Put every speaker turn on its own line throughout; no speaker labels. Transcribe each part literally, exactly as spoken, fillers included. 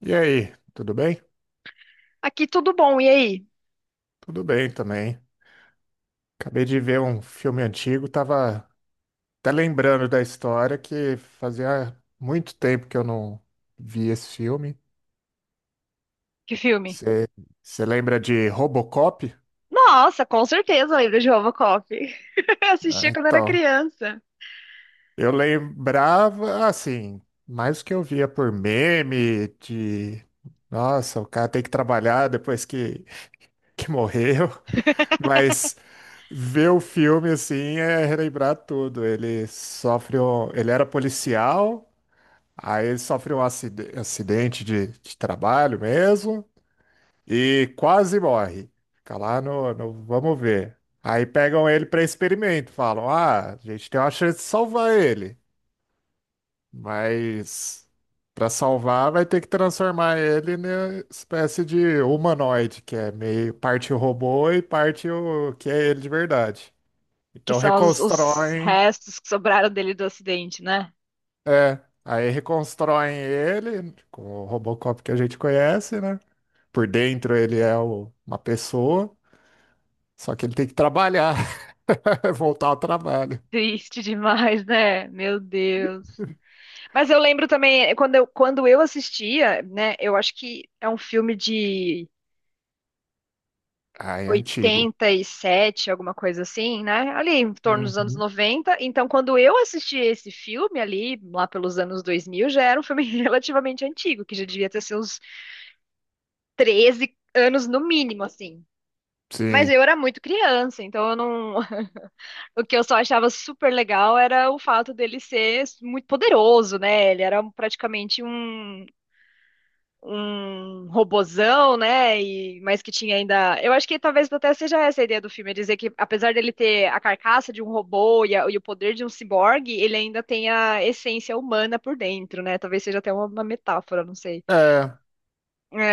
E aí, tudo bem?
Aqui tudo bom, e aí?
Tudo bem também. Acabei de ver um filme antigo, tava até lembrando da história que fazia muito tempo que eu não vi esse filme.
Que filme?
Você lembra de Robocop?
Nossa, com certeza lembro de Robocop. Eu
Ah,
assistia quando era
então,
criança.
eu lembrava assim, mais o que eu via por meme, de nossa, o cara tem que trabalhar depois que, que morreu. Mas ver o filme assim é relembrar tudo. Ele sofre um... Ele era policial, aí ele sofre um acide- acidente de, de trabalho mesmo e quase morre. Fica lá no, no... Vamos ver. Aí pegam ele para experimento, falam: Ah, a gente tem uma chance de salvar ele, mas para salvar vai ter que transformar ele numa espécie de humanoide, que é meio parte robô e parte o que é ele de verdade.
Que
Então
são os, os
reconstroem,
restos que sobraram dele do acidente, né?
é, aí reconstroem ele com o Robocop que a gente conhece, né? Por dentro ele é o- uma pessoa, só que ele tem que trabalhar, voltar ao trabalho.
Triste demais, né? Meu Deus. Mas eu lembro também, quando eu, quando eu assistia, né? Eu acho que é um filme de
Ah, é antigo.
oitenta e sete alguma coisa assim, né? Ali em torno dos anos
Uhum.
noventa. Então, quando eu assisti esse filme ali, lá pelos anos dois mil já era um filme relativamente antigo, que já devia ter seus treze anos no mínimo, assim. Mas
Sim.
eu era muito criança, então eu não. O que eu só achava super legal era o fato dele ser muito poderoso, né? Ele era praticamente um um robozão, né? E, mas que tinha ainda. Eu acho que talvez até seja essa a ideia do filme, é dizer que apesar dele ter a carcaça de um robô e, a- e o poder de um ciborgue, ele ainda tem a essência humana por dentro, né? Talvez seja até uma, uma metáfora, não sei.
É,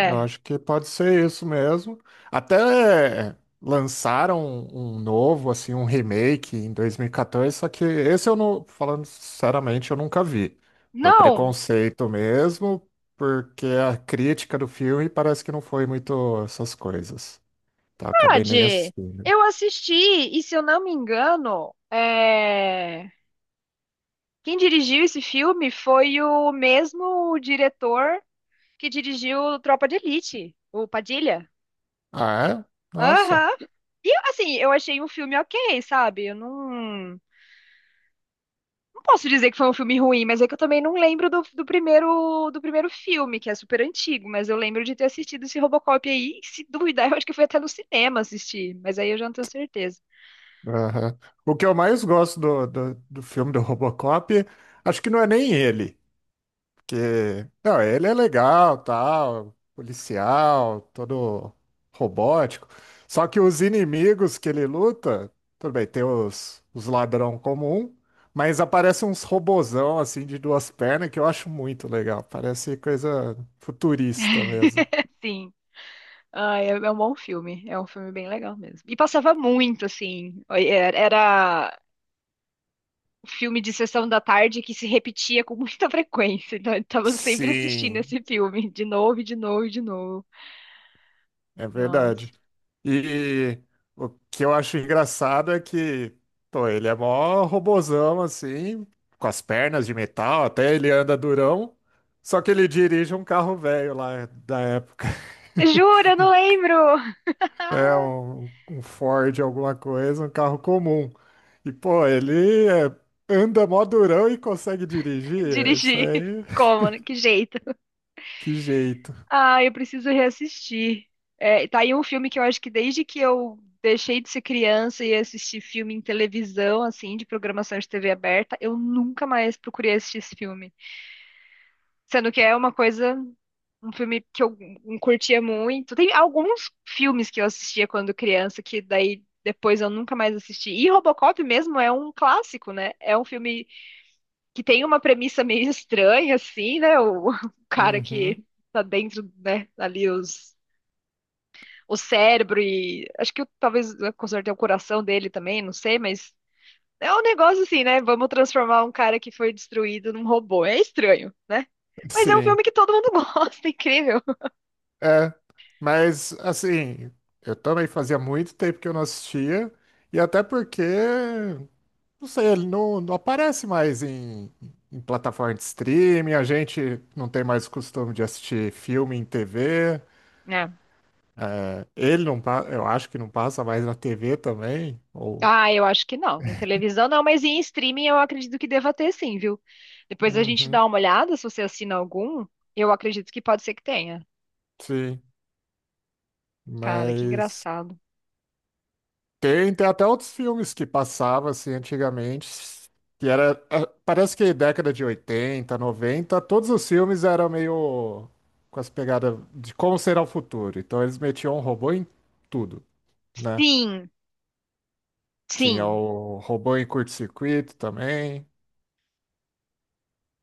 eu acho que pode ser isso mesmo. Até lançaram um, um novo, assim, um remake em dois mil e quatorze, só que esse eu não, falando sinceramente, eu nunca vi. Por
Não,
preconceito mesmo, porque a crítica do filme parece que não foi muito essas coisas. Tá, acabei nem
verdade.
assistindo.
Eu assisti, e se eu não me engano, é, quem dirigiu esse filme foi o mesmo diretor que dirigiu Tropa de Elite, o Padilha.
Ah, é? Nossa.
Aham. E assim, eu achei um filme ok, sabe? Eu não, não posso dizer que foi um filme ruim, mas é que eu também não lembro do, do primeiro do primeiro filme, que é super antigo, mas eu lembro de ter assistido esse Robocop aí, e se duvidar, eu acho que foi até no cinema assistir, mas aí eu já não tenho certeza.
Aham. O que eu mais gosto do, do, do filme do Robocop, acho que não é nem ele. Que, não, ele é legal, tal, policial, todo robótico. Só que os inimigos que ele luta, tudo bem, tem os, os ladrão comum, mas aparecem uns robozão assim de duas pernas que eu acho muito legal. Parece coisa futurista mesmo.
Sim. Ah, é, é um bom filme, é um filme bem legal mesmo. E passava muito, assim, era era um filme de sessão da tarde que se repetia com muita frequência, então eu tava sempre assistindo
Sim,
esse filme, de novo, e de novo, e de novo.
é
Nossa.
verdade. E o que eu acho engraçado é que, pô, ele é mó robozão, assim, com as pernas de metal, até ele anda durão, só que ele dirige um carro velho lá da época.
Juro, eu não lembro.
Um É
Ah,
um, um Ford, alguma coisa, um carro comum. E, pô, ele é, anda mó durão e consegue dirigir. É isso
dirigi.
aí.
Como? Né? Que jeito?
Que jeito.
Ah, eu preciso reassistir. É, tá aí um filme que eu acho que desde que eu deixei de ser criança e assisti filme em televisão, assim, de programação de T V aberta, eu nunca mais procurei assistir esse filme. Sendo que é uma coisa, um filme que eu hum, curtia muito. Tem alguns filmes que eu assistia quando criança que daí depois eu nunca mais assisti. E Robocop mesmo é um clássico, né? É um filme que tem uma premissa meio estranha, assim, né? O, o cara
Uhum.
que tá dentro, né, ali os, o cérebro e acho que talvez com certeza o coração dele também, não sei, mas é um negócio assim, né? Vamos transformar um cara que foi destruído num robô. É estranho, né? Mas é um
Sim.
filme que todo mundo gosta, incrível.
É, mas assim, eu também fazia muito tempo que eu não assistia, e até porque, não sei, ele não, não aparece mais em, em plataforma de streaming, a gente não tem mais o costume de assistir filme em tê vê,
É.
ele não, pa- eu acho que não passa mais na tê vê também, ou...
Ah, eu acho que não. Em televisão não, mas em streaming eu acredito que deva ter sim, viu? Depois a gente
Uhum,
dá uma olhada, se você assina algum, eu acredito que pode ser que tenha.
sim,
Cara, que
mas
engraçado.
tem, tem até outros filmes que passavam assim antigamente, que era, ah, parece que década de oitenta, noventa, todos os filmes eram meio com as pegadas de como será o futuro. Então eles metiam um robô em tudo, né?
Sim,
Tinha
sim.
o robô em curto-circuito também,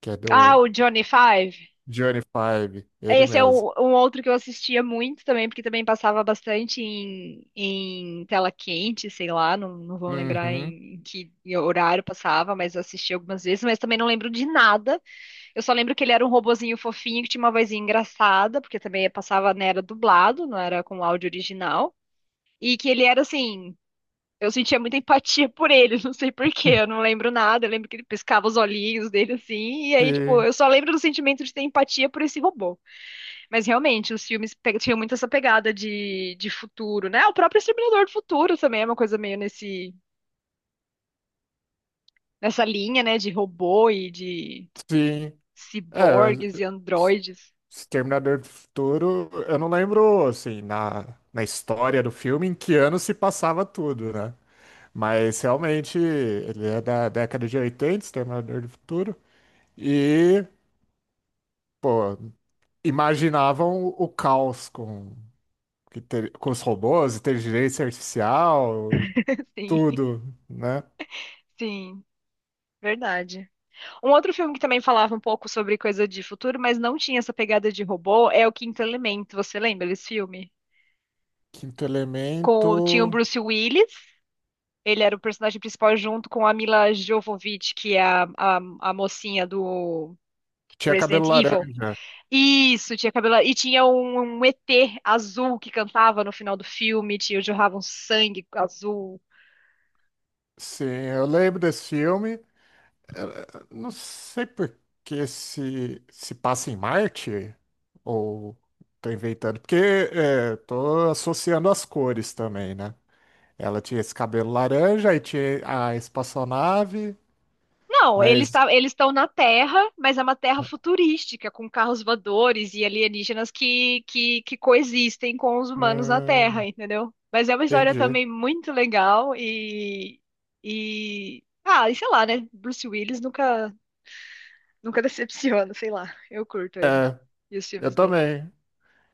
que é
Ah,
do
o Johnny Five.
Johnny Five, ele
Esse é
mesmo.
um, um outro que eu assistia muito também, porque também passava bastante em, em tela quente, sei lá, não, não vou lembrar
Uhum.
em, em que horário passava, mas eu assisti algumas vezes, mas também não lembro de nada. Eu só lembro que ele era um robozinho fofinho que tinha uma vozinha engraçada, porque também passava, né, era dublado, não era com áudio original. E que ele era assim, eu sentia muita empatia por ele, não sei por quê, eu não lembro nada, eu lembro que ele piscava os olhinhos dele assim, e aí, tipo,
Sim,
eu só lembro do sentimento de ter empatia por esse robô. Mas realmente, os filmes pe- tinham muito essa pegada de, de futuro, né? O próprio Exterminador do Futuro também é uma coisa meio nesse, nessa linha, né, de robô e de
sim.
ciborgues
É,
e
S-
androides.
Exterminador do Futuro, eu não lembro, assim, na, na história do filme em que ano se passava tudo, né? Mas realmente ele é da década de oitenta, Exterminador do Futuro, e, pô, imaginavam o caos com, que ter- com os robôs, inteligência artificial,
Sim,
tudo, né?
sim, verdade. Um outro filme que também falava um pouco sobre coisa de futuro, mas não tinha essa pegada de robô, é o Quinto Elemento, você lembra desse filme?
Quinto
Com tinha o
Elemento,
Bruce Willis, ele era o personagem principal junto com a Mila Jovovich, que é a, a, a mocinha do
que tinha cabelo
Resident Evil.
laranja.
Isso, tinha cabelo. E tinha um, um E T azul que cantava no final do filme, tinha jorrava um sangue azul.
Sim, eu lembro desse filme. Eh, não sei por que se, se passa em Marte, ou tô inventando, porque eh, tô associando as cores também, né? Ela tinha esse cabelo laranja, e tinha a espaçonave,
Não, eles
mas
tá, eles estão na Terra, mas é uma Terra futurística, com carros voadores e alienígenas que, que, que coexistem com os humanos na Terra,
hum,
entendeu? Mas é uma história
entendi.
também muito legal e, e ah, e sei lá, né? Bruce Willis nunca nunca decepciona, sei lá. Eu curto ele e os
Eu
filmes dele.
também.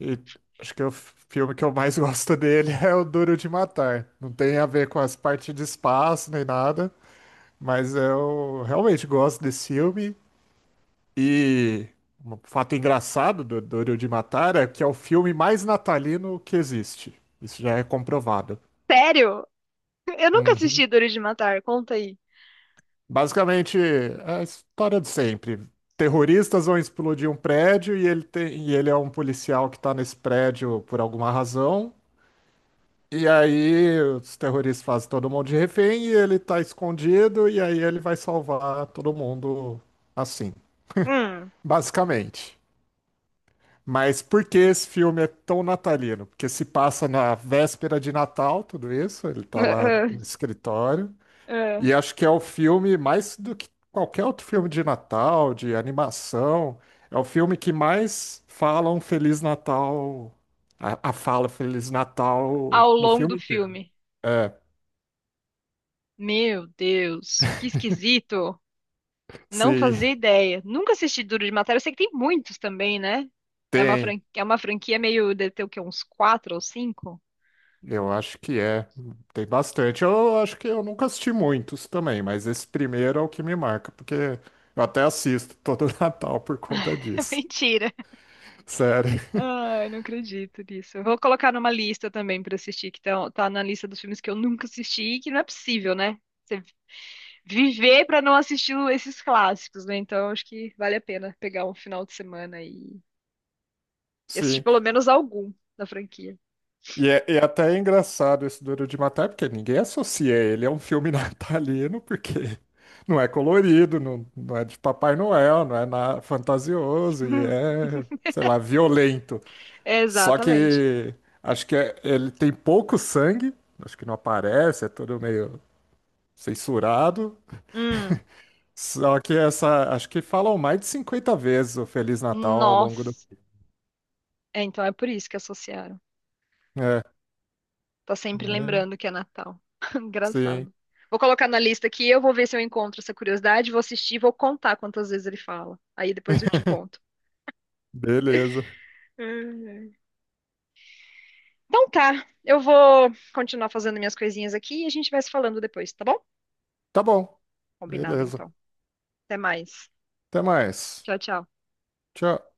E acho que o filme que eu mais gosto dele é o Duro de Matar. Não tem a ver com as partes de espaço nem nada, mas eu realmente gosto desse filme. E um fato engraçado do Doro de Matar é que é o filme mais natalino que existe. Isso já é comprovado.
Sério? Eu nunca
Uhum.
assisti Duro de Matar. Conta aí.
Basicamente, é a história de sempre. Terroristas vão explodir um prédio e ele tem, e ele é um policial que está nesse prédio por alguma razão. E aí os terroristas fazem todo mundo de refém e ele está escondido e aí ele vai salvar todo mundo assim,
Hum.
basicamente. Mas por que esse filme é tão natalino? Porque se passa na véspera de Natal, tudo isso, ele tá lá no escritório. E acho que é o filme, mais do que qualquer outro filme de Natal, de animação, é o filme que mais fala um Feliz Natal, a, a fala Feliz Natal
Ao
no
longo
filme
do
inteiro.
filme.
É,
Meu Deus, que esquisito. Não
sim,
fazia ideia. Nunca assisti Duro de Matar. Eu sei que tem muitos também, né? É uma
tem.
franquia, é uma franquia meio de ter o quê? Uns quatro ou cinco?
Eu acho que é. Tem bastante. Eu acho que eu nunca assisti muitos também, mas esse primeiro é o que me marca, porque eu até assisto todo Natal por conta disso.
Mentira.
Sério.
Ai, não acredito nisso. Eu vou colocar numa lista também pra assistir, que tá, tá na lista dos filmes que eu nunca assisti e que não é possível, né? Você viver pra não assistir o- esses clássicos, né? Então acho que vale a pena pegar um final de semana e e assistir
Sim.
pelo menos algum da franquia.
E é, e até é engraçado esse Duro de Matar, porque ninguém associa ele a um filme natalino, porque não é colorido, não, não é de Papai Noel, não é na, fantasioso e é, sei lá, violento. Só
Exatamente.
que acho que é- ele tem pouco sangue, acho que não aparece, é tudo meio censurado.
Hum,
Só que essa, acho que falam mais de cinquenta vezes o Feliz Natal ao longo do.
nossa. É, então é por isso que associaram.
É,
Tá sempre
mas-
lembrando que é Natal.
sim.
Engraçado. Vou colocar na lista aqui, eu vou ver se eu encontro essa curiosidade, vou assistir, vou contar quantas vezes ele fala. Aí depois eu te conto.
Beleza.
Hum. Então tá, eu vou continuar fazendo minhas coisinhas aqui e a gente vai se falando depois, tá bom?
Tá bom.
Combinado
Beleza.
então. Até mais.
Até mais.
Tchau, tchau.
Tchau.